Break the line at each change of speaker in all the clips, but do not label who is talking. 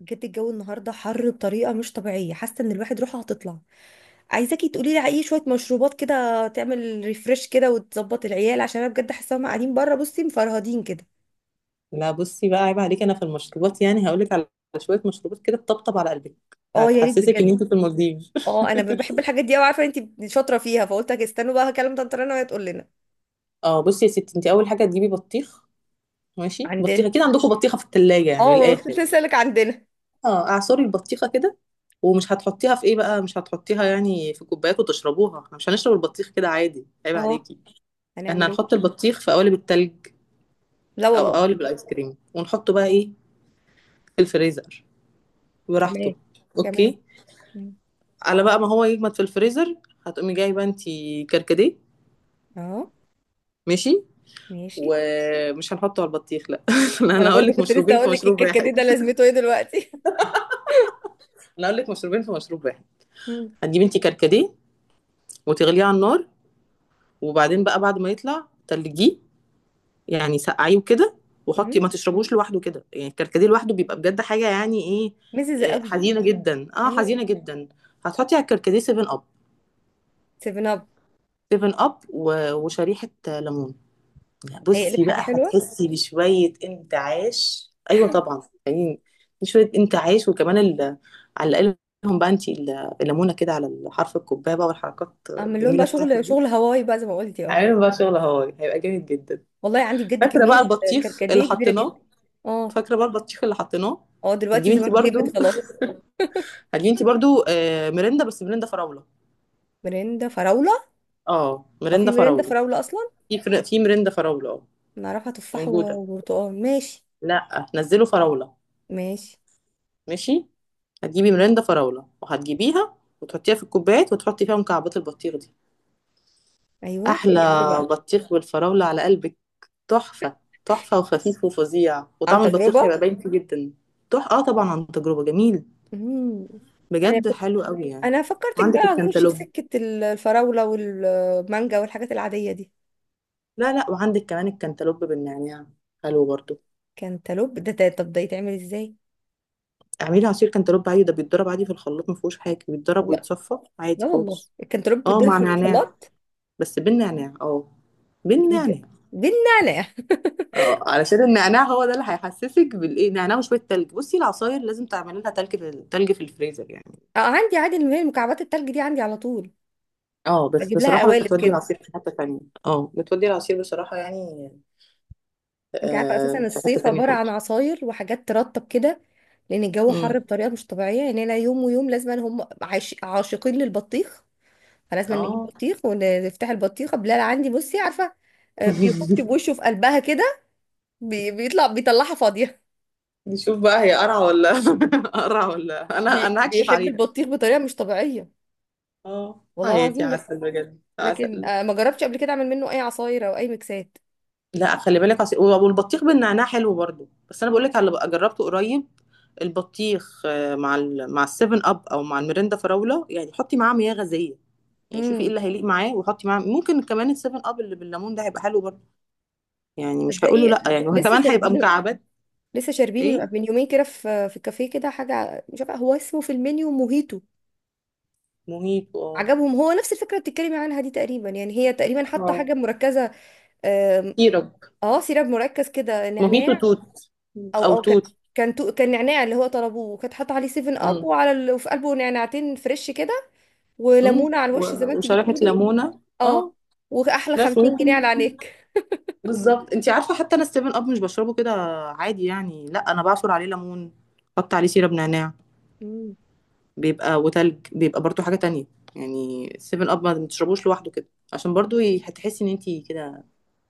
بجد الجو النهارده حر بطريقه مش طبيعيه حاسه ان الواحد روحه هتطلع. عايزاكي تقولي لي على اي شويه مشروبات كده تعمل ريفرش كده وتظبط العيال عشان انا بجد حاسه هم قاعدين بره بصي مفرهدين كده.
لا، بصي بقى، عيب عليك انا في المشروبات، يعني هقولك على شويه مشروبات كده تطبطب على قلبك.
اه يا ريت
هتحسسك ان
بجد.
انت في المالديف.
اه انا بحب الحاجات دي قوي عارفه انت شاطره فيها فقلت أجي استنوا بقى هكلم طنط رنا وهي تقول لنا.
اه، بصي يا ستي، انت اول حاجه تجيبي بطيخ. ماشي، بطيخه
عندنا.
كده. عندكم بطيخه في الثلاجه؟ يعني من
اه ما
الاخر
قلت
يعني.
لسه عندنا.
اه، اعصري البطيخه كده. ومش هتحطيها في ايه بقى؟ مش هتحطيها يعني في كوبايات وتشربوها. احنا مش هنشرب البطيخ كده عادي، عيب
اه
عليكي. احنا
هنعمل ايه؟
هنحط البطيخ في قوالب التلج
لا
او
والله.
قوالب الايس كريم ونحطه بقى ايه في الفريزر، براحته.
كمان كمان.
اوكي،
مم.
على بقى ما هو يجمد في الفريزر. هتقومي جايبه انتي كركديه.
اه
ماشي.
ماشي.
ومش هنحطه على البطيخ، لا. لا، انا
انا
هقول
برضه
لك
كنت لسه
مشروبين في
اقول لك
مشروب
الكركديه
واحد.
ده لازمته ايه دلوقتي؟
انا هقول لك مشروبين في مشروب واحد.
مم.
هتجيبي انتي كركديه وتغليه على النار، وبعدين بقى بعد ما يطلع تلجيه، يعني سقعيه وكده. وحطي،
مم.
ما تشربوش لوحده كده، يعني الكركديه لوحده بيبقى بجد حاجه يعني ايه.
مزز
آه،
قوي.
حزينه جدا، حزينه جدا. هتحطي على الكركديه 7 اب.
سيفن اب.
7 اب و- وشريحه ليمون. يعني
هيقلب
بصي
حاجه
بقى
حلوه.
هتحسي بشوية انتعاش. أيوة طبعا يعني. شوية انتعاش، وكمان على الأقل. لهم بقى انتي الليمونة كده على حرف الكوباية بقى، والحركات
اعمل لهم
الجميلة
بقى
بتاعتك
شغل
دي.
شغل هواي بقى زي ما قلتي اه.
عامل بقى شغل، هو هيبقى جامد جدا.
والله عندي بجد
فاكرة
كميه
بقى البطيخ اللي
كركديه كبيره جدا.
حطيناه
اه.
فاكرة بقى البطيخ اللي حطيناه.
اه دلوقتي
هتجيبي
زمان
انتي
جبت
برضو.
خلاص.
هتجيبي انتي برضو، مرندة، بس مرندة فراولة.
مرندة فراولة.
اه
هو في
مرندة
مرندة
فراولة.
فراولة أصلا؟
في مرندة فراولة، اه.
نعرفها تفاح
موجودة.
وبرتقال ماشي.
لا، نزلوا فراولة.
ماشي.
ماشي. هتجيبي مرندة فراولة وهتجيبيها وتحطيها في الكوبايات وتحطي فيها مكعبات البطيخ دي.
أيوه
أحلى.
تقلب ايه بقى؟
بطيخ بالفراولة على قلبك، تحفة. تحفة وخفيف وفظيع،
عن
وطعم البطيخ
تجربة.
هيبقى باين فيه جدا. تح اه طبعا عن تجربة، جميل.
مم. أنا
بجد
كنت
حلو قوي يعني.
أنا فكرتك بقى
وعندك
هنخش في
الكنتالوب.
سكة الفراولة والمانجا والحاجات العادية دي.
لا، لا، وعندك كمان الكنتالوب بالنعناع، حلو برضو.
كانتالوب ده طب ده يتعمل ازاي؟
اعملي عصير كنتالوب عادي، ده بيتضرب عادي في الخلاط، ما فيهوش حاجة، بيتضرب
لا.
ويتصفى عادي
لا والله
خالص.
الكنتالوب
اه،
بيتضرب
مع
في
نعناع.
الخلاط.
بس بالنعناع،
جديدة.
بالنعناع.
دي النعناع.
اه، علشان النعناع هو ده اللي هيحسسك بالايه، نعناع وشويه تلج. بصي، العصاير لازم تعملي لها تلج في التلج في الفريزر يعني.
اه عندي عادي اللي هي مكعبات التلج دي عندي على طول.
اه، بس
بجيب لها
بصراحه
قوالب
بتودي
كده.
العصير في حته ثانيه. اه، بتودي العصير بصراحه، يعني
انت عارفة اساسا
في حته
الصيف
ثانيه
عبارة عن
خالص.
عصاير وحاجات ترطب كده. لان الجو حر
امم.
بطريقة مش طبيعية يعني انا يوم ويوم لازم هم عاشقين للبطيخ. فلازم نجيب
اه.
بطيخ ونفتح البطيخة بلال عندي بصي عارفة. بيخش بوشه في قلبها كده. بيطلعها فاضية.
نشوف بقى، هي قرعه ولا؟ قرعه ولا، انا انا هكشف
بيحب
عليها.
البطيخ بطريقة مش طبيعية.
اه،
والله
حياتي
العظيم.
عسل، بجد
لكن
عسل.
ما جربتش قبل كده اعمل منه اي عصاير او اي ميكسات.
لا، خلي بالك، عصير والبطيخ بالنعناع حلو برضو. بس انا بقول لك على اللي بقى جربته قريب. البطيخ، مع السيفن اب او مع الميريندا فراوله، يعني حطي معاه مياه غازيه. يعني شوفي ايه
امم
اللي هيليق معاه، وحطي معاه ممكن كمان السيفن اب اللي بالليمون، ده هيبقى حلو برضو. يعني مش هقوله
تصدقي.
لا يعني،
لسه
وكمان هيبقى
شاربين.
مكعبات.
لسه شاربين.
ايه؟
من يومين كده في كافيه كده حاجه مش عارفه هو اسمه في المنيو موهيتو.
موهيتو، اه.
عجبهم هو نفس الفكره اللي بتتكلمي عنها دي تقريبا يعني هي تقريبا حاطه
اه،
حاجه مركزه. آم،
سيرب.
اه سيراب مركز كده
موهيتو
نعناع.
توت
او
او
او كان
توت.
كان نعناع اللي هو طلبوه وكانت حاطه عليه 7 اب
امم.
وعلى وفي قلبه نعناعتين فريش كده.
مم.
وليمونه على الوش زي ما انت
وشريحه
بتقولي.
ليمونه،
اه.
اه.
واحلى
بس
50 جنيه على
ممكن.
عينيك.
بالظبط، انت عارفه حتى انا السيفن اب مش بشربه كده عادي يعني. لا، انا بعصر عليه ليمون. حط عليه سيرب نعناع.
مم.
بيبقى وتلج، بيبقى برضو حاجه تانية. يعني السيفن اب ما تشربوش لوحده كده، عشان برضو هتحسي ان انت كده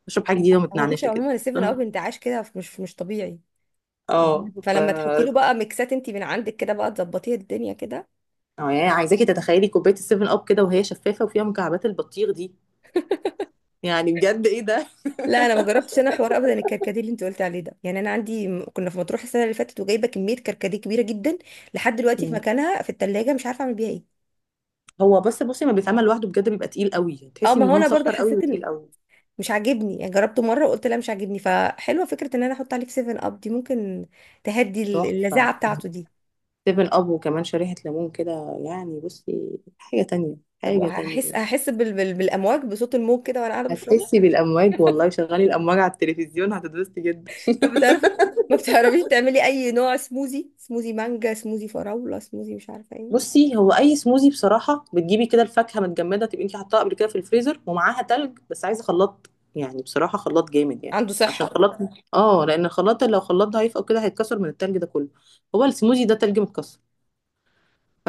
بشرب حاجه جديده
هو بصي
ومتنعنشه كده.
عموما ال 7
فاهمة؟
اب انتعاش كده مش طبيعي. مهم.
اه ف
فلما تحطي له
اه
بقى ميكسات انت من عندك كده بقى تظبطي الدنيا كده.
يعني عايزاكي تتخيلي كوبايه السيفن اب كده وهي شفافه وفيها مكعبات البطيخ دي. يعني بجد، ايه ده.
لا انا ما جربتش انا حوار ابدا الكركديه اللي انت قلت عليه ده يعني انا عندي كنا في مطروح السنه اللي فاتت وجايبه كميه كركديه كبيره جدا. لحد دلوقتي في
مم.
مكانها في التلاجة مش عارفه اعمل بيها ايه.
هو بس بصي، ما بيتعمل لوحده بجد، بيبقى تقيل قوي،
اه
تحسي
ما
ان
هو
هو
انا برضو
مسحر قوي
حسيت انه
وتقيل قوي.
مش عاجبني يعني جربته مره وقلت لا مش عاجبني فحلوه فكره ان انا احط عليه في 7 اب دي ممكن تهدي
تحفه.
اللذاعه بتاعته دي.
سيفن اب وكمان شريحة ليمون كده، يعني بصي حاجة تانية،
طب
حاجة تانية.
هحس بالامواج بصوت الموج كده وانا قاعده بشربه.
هتحسي بالأمواج، والله شغلي الأمواج على التلفزيون هتتبسطي جدا.
طب بتعرفي؟ ما بتعرفيش تعملي اي نوع سموزي سموزي مانجا سموزي فراولة سموزي مش عارفة ايه.
بصي، هو أي سموزي بصراحة بتجيبي كده الفاكهة متجمدة، تبقي انتي حطاها قبل كده في الفريزر، ومعاها تلج. بس عايزة خلاط، يعني بصراحة خلاط جامد، يعني
عنده
عشان
صحة.
خلاط. اه، لأن الخلاط لو خلاط ضعيف أو كده هيتكسر من التلج ده كله. هو السموزي ده تلج متكسر.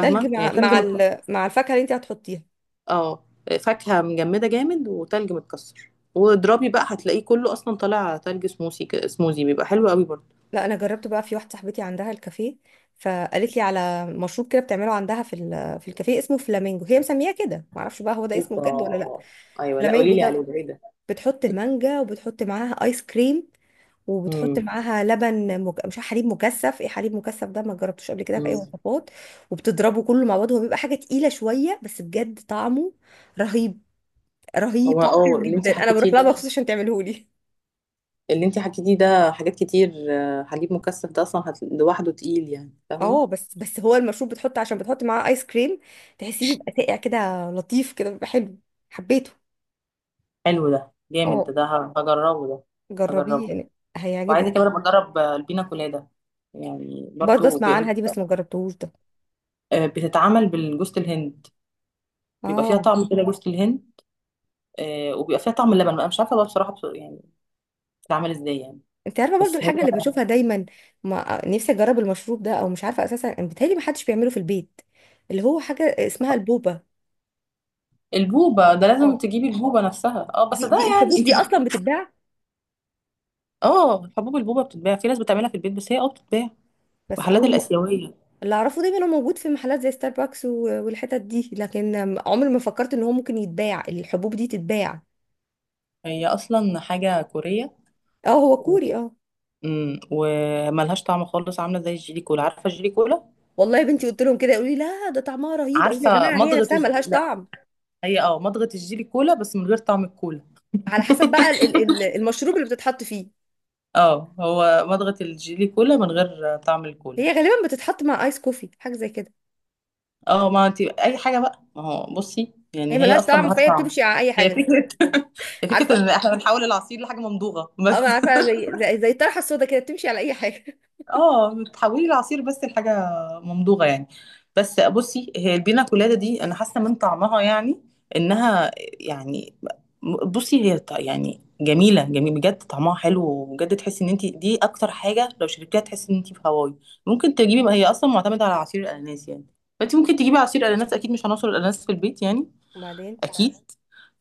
تلج
يعني
مع
تلج متكسر.
مع الفاكهة اللي انت هتحطيها.
اه، فاكهة مجمدة جامد، وتلج متكسر، واضربي بقى، هتلاقيه كله اصلا طالع تلج سموسي كده. سموزي بيبقى حلو قوي برضه.
لا انا جربت بقى في واحدة صاحبتي عندها الكافيه فقالت لي على مشروب كده بتعمله عندها في في الكافيه اسمه فلامينجو هي مسمياه كده ما اعرفش بقى هو ده اسمه بجد ولا لا.
اوبا. ايوه، لا
فلامينجو
قولي لي
ده.
عليه ده، ايه ده؟
بتحط مانجا وبتحط معاها ايس كريم وبتحط
امم.
معاها لبن مش عارفة حليب مكثف ايه حليب مكثف ده ما جربتوش قبل كده في اي
أمم.
وصفات. وبتضربه كله مع بعض هو بيبقى حاجه تقيله شويه بس بجد طعمه رهيب. رهيب
هو
طعمه حلو جدا انا بروح لها مخصوص عشان تعمله لي.
اللي انت حكيتيه ده حاجات كتير. حليب مكثف ده اصلا لوحده تقيل، يعني فاهمه؟
اه بس بس هو المشروب بتحط عشان بتحط معاه ايس كريم. تحسيه بيبقى ساقع كده. لطيف كده بيبقى حلو. حبيته.
حلو، ده جامد، ده
اه
ده ه- هجربه ده.
جربيه
هجربه.
يعني. هيعجبك.
وعايزه كمان أبقى اجرب البينا كولادا. يعني
برضه
برضو
اسمع عنها دي بس ما جربتهوش ده.
بتتعمل بالجوز الهند. بيبقى فيها
اه
طعم كده جوز الهند. وبيبقى فيها طعم اللبن بقى، مش عارفه بقى بصراحه، يعني. بتتعمل ازاي يعني؟
انت عارفه برضو
بس هي
الحاجه اللي بشوفها دايما. ما نفسي اجرب المشروب ده او مش عارفه اساسا بيتهيألي ما حدش بيعمله في البيت. اللي هو حاجه اسمها البوبه.
البوبه ده
اه
لازم تجيبي البوبه نفسها، اه، بس
دي,
ده
دي
يعني
الحبوب
انت.
دي اصلا بتتباع.
اه، حبوب البوبه بتتباع. في ناس بتعملها في البيت، بس هي بتتباع.
بس
محلات
اول ما.
الاسيويه.
اللي اعرفه دايما هو موجود في محلات زي ستاربكس والحتت دي لكن. عمري ما فكرت ان هو ممكن يتباع الحبوب دي تتباع.
هي اصلا حاجه كوريه.
اه هو
و...
كوري اه.
وملهاش طعم خالص، عامله زي الجيلي كولا، عارفه الجيلي كولا؟
والله يا بنتي قلت لهم كده يقولوا لي لا ده طعمها رهيب اقول يا
عارفه
جماعه هي
مضغه
نفسها ملهاش
لا.
طعم.
هي مضغه الجيلي كولا بس من غير طعم الكولا.
على حسب بقى المشروب اللي بتتحط فيه.
اه، هو مضغه الجيلي كولا من غير طعم الكولا.
هي غالبا بتتحط مع ايس كوفي حاجه زي كده.
اه، ما انت اي حاجه بقى، ما هو بصي
هي
يعني هي
ملهاش
اصلا
طعم
ملهاش
فهي
طعم.
بتمشي على اي
هي
حاجه.
فكره. هي فكره
عارفه.
ان احنا بنحول العصير لحاجه ممضوغه
اه
بس.
انا عارفه زي الطرحه السودا كده بتمشي على اي حاجه.
اه، بتحولي العصير بس لحاجه ممضوغه يعني. بس بصي هي البينا كولادا دي انا حاسه من طعمها، يعني انها، يعني، بصي هي يعني جميله، جميل بجد، طعمها حلو، وبجد تحسي ان انت دي اكتر حاجه، لو شربتيها تحسي ان انت في هواي. ممكن تجيبي، هي اصلا معتمده على عصير الاناناس يعني. فانت ممكن تجيبي عصير اناناس، اكيد مش هنوصل الاناناس في البيت يعني.
وبعدين.
اكيد.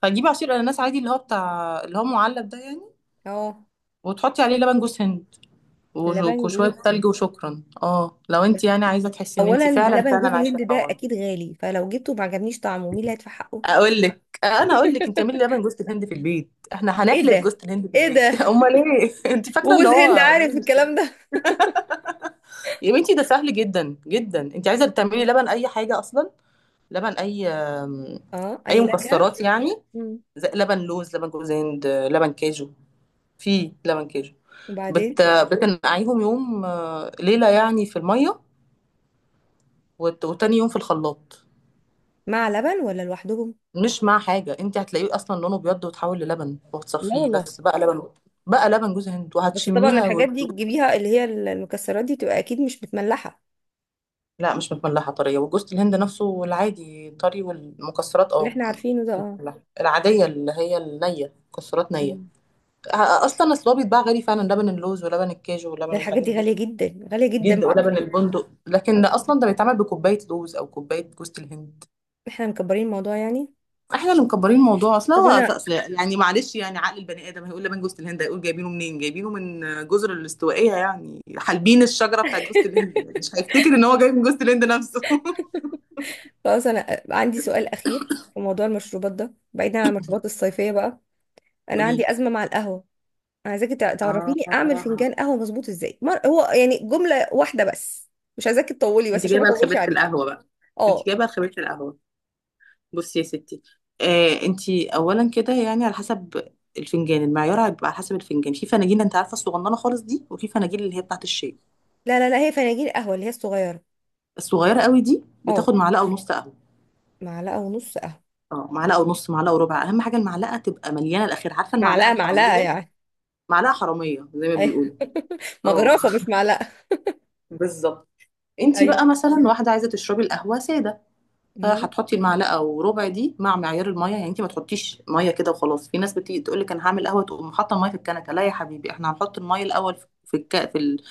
فهتجيبي عصير اناناس عادي، اللي هو بتاع اللي هو معلب ده يعني.
اه
وتحطي عليه لبن جوز هند. وش-
لبن
وشويه
جوز هند.
تلج، وشكرا، اه لو انت يعني عايزه تحسي ان انت
اولا
فعلا
لبن
فعلا
جوز
عايشه
الهند ده
الحوار ده.
اكيد غالي فلو جبته ما عجبنيش طعمه مين اللي هيدفع حقه.
اقول لك انا، اقول لك انت اعملي لبن جوز الهند في البيت، احنا
ايه
هنحلب
ده.
جوز الهند في
ايه
البيت.
ده.
امال ايه؟ انت فاكره ان
وجوز هند
هو.
عارف الكلام ده.
يا بنتي، ده سهل جدا جدا، انت عايزه تعملي لبن اي حاجه اصلا. لبن اي،
اه
اي
اي نكهه.
مكسرات يعني.
مم.
زي لبن لوز، لبن جوز هند، لبن كاجو. في لبن كاجو.
وبعدين
بت... بتنقعيهم يوم، ليلة يعني، في المية. وت... وتاني يوم في الخلاط.
مع لبن ولا لوحدهم.
مش مع حاجة، انت هتلاقيه اصلا لونه بيض، وتحول للبن،
لا
وهتصفيه
والله.
بس بقى لبن. بقى لبن جوز هند
بس طبعا
وهتشميها
الحاجات دي تجيبيها اللي هي المكسرات دي تبقى اكيد مش متملحه.
لا، مش متملحة، طرية، وجوز الهند نفسه العادي طري، والمكسرات
اللي
اه.
احنا عارفينه ده اه.
متملحة. العادية اللي هي النية، مكسرات نية.
مم.
اصلا، اصل هو بيتباع غالي فعلا، لبن اللوز ولبن الكاجو
ده
ولبن
الحاجات
الحاجات
دي
دي.
غاليه جدا غاليه جدا
جد،
معرفش.
ولبن البندق، لكن اصلا ده بيتعمل بكوباية لوز او كوباية جوز الهند.
احنا مكبرين الموضوع يعني.
احنا اللي مكبرين الموضوع، اصل
طب
هو
انا.
أصل يعني، معلش يعني عقل البني ادم هيقول لبان جوز الهند، هيقول جايبينه منين، جايبينه من جزر الاستوائيه يعني، حالبين الشجره بتاعت جوز الهند، يعني مش هيفتكر ان هو جاي من جوز الهند نفسه.
خلاص انا عندي سؤال اخير. في موضوع المشروبات ده بعيدا عن المشروبات الصيفيه بقى. انا
قولي لي.
عندي ازمه مع القهوه. انا عايزاكي تعرفيني اعمل
اه،
فنجان قهوه مظبوط ازاي هو يعني جمله واحده بس. مش عايزاكي تطولي بس
انت
عشان ما
جايبه
اطولش
لخبيره
عليكي.
القهوه بقى انت
اه.
جايبه لخبيره القهوه. بصي يا ستي، انت. اولا كده يعني على حسب. الفنجان المعيار هيبقى على حسب الفنجان، في فناجين انت عارفه الصغننه خالص دي، وفي فناجين اللي هي بتاعت الشاي.
لا لا لا هي فناجين قهوه اللي هي الصغيره.
الصغيره قوي دي
اه
بتاخد معلقه ونص قهوه.
معلقه ونص قهوه.
اه، معلقه ونص، معلقه وربع. اهم حاجه المعلقه تبقى مليانه الاخير، عارفه المعلقه
معلقه معلقه
الحراميه؟
يعني؟
معلقه حراميه زي ما
ايوه.
بيقولوا. اه.
مغرفه مش معلقه.
بالظبط. انتي
ايوه.
بقى مثلا واحده عايزه تشربي القهوه ساده،
مم.
فهتحطي المعلقه وربع دي مع معيار الميه. يعني انتي ما تحطيش ميه كده وخلاص. في ناس بتيجي تقول لك انا هعمل قهوه، تقوم حاطه الميه في الكنكه، لا يا حبيبي، احنا هنحط الميه الاول في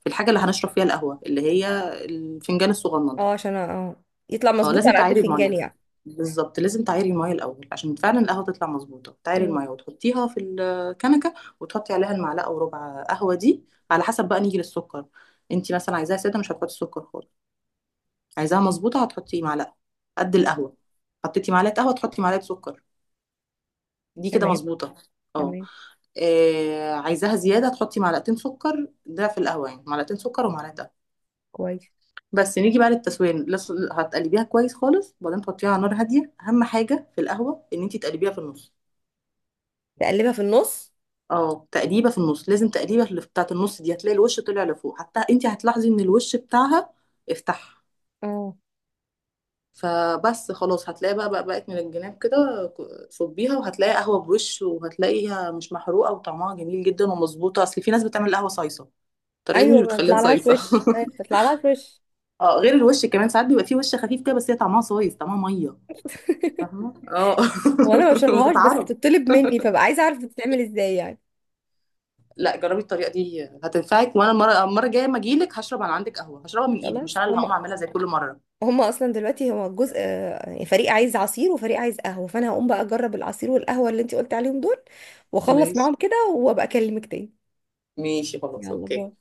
في الحاجه اللي هنشرب فيها القهوه، اللي هي الفنجان الصغنن.
اه عشان يطلع
اه،
مظبوط
لازم
على قد
تعايري
الفنجان
الميه.
يعني.
بالظبط، لازم تعايري الميه الاول عشان فعلا القهوه تطلع مظبوطه، تعايري
مم.
الميه وتحطيها في الكنكه، وتحطي عليها المعلقه وربع قهوه دي. على حسب بقى، نيجي للسكر. انت مثلا عايزاها ساده مش هتحطي سكر خالص. عايزاها مظبوطه هتحطي معلقه قد القهوه. حطيتي معلقه قهوه تحطي معلقه سكر، دي كده
تمام.
مظبوطه. اه،
تمام.
عايزاها زياده تحطي معلقتين سكر، ده في القهوه يعني، معلقتين سكر ومعلقه.
كويس.
بس نيجي بقى للتسويه، هتقلبيها كويس خالص، وبعدين تحطيها على نار هاديه. اهم حاجه في القهوه ان انت تقلبيها في النص.
تقلبها في النص.
اه، تقليبه في النص، لازم تقليبه اللي بتاعه النص، دي هتلاقي الوش طلع لفوق، حتى انت هتلاحظي ان الوش بتاعها افتح.
اه.
فبس خلاص، هتلاقي بقى بقت من الجناب كده. صبيها، وهتلاقي قهوه بوش، وهتلاقيها مش محروقه وطعمها جميل جدا ومظبوطه. اصل في ناس بتعمل قهوه صايصه، الطريقه دي مش
ايوه ما
بتخليها
بيطلعلهاش
صايصه.
وش. أيوة، بتطلعلهاش وش.
اه، غير الوش كمان ساعات بيبقى فيه وش خفيف كده، بس هي طعمها صايص، طعمها ميه. فاهمه؟ اه.
هو انا ما بشربهاش بس
وتتعرف.
بتطلب مني فبقى عايزه اعرف بتتعمل ازاي يعني.
لا، جربي الطريقه دي هتنفعك، وانا المره الجايه ما اجيلك هشرب على عندك قهوه، هشربها من ايدك، مش
خلاص
انا اللي هقوم اعملها زي كل مره.
هم اصلا دلوقتي هو الجزء يعني فريق عايز عصير وفريق عايز قهوه فانا هقوم بقى اجرب العصير والقهوه اللي انت قلت عليهم دول. واخلص
ماشي،
معاهم كده وابقى اكلمك تاني.
ماشي، خلاص،
يلا باي.
اوكي.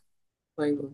باي باي.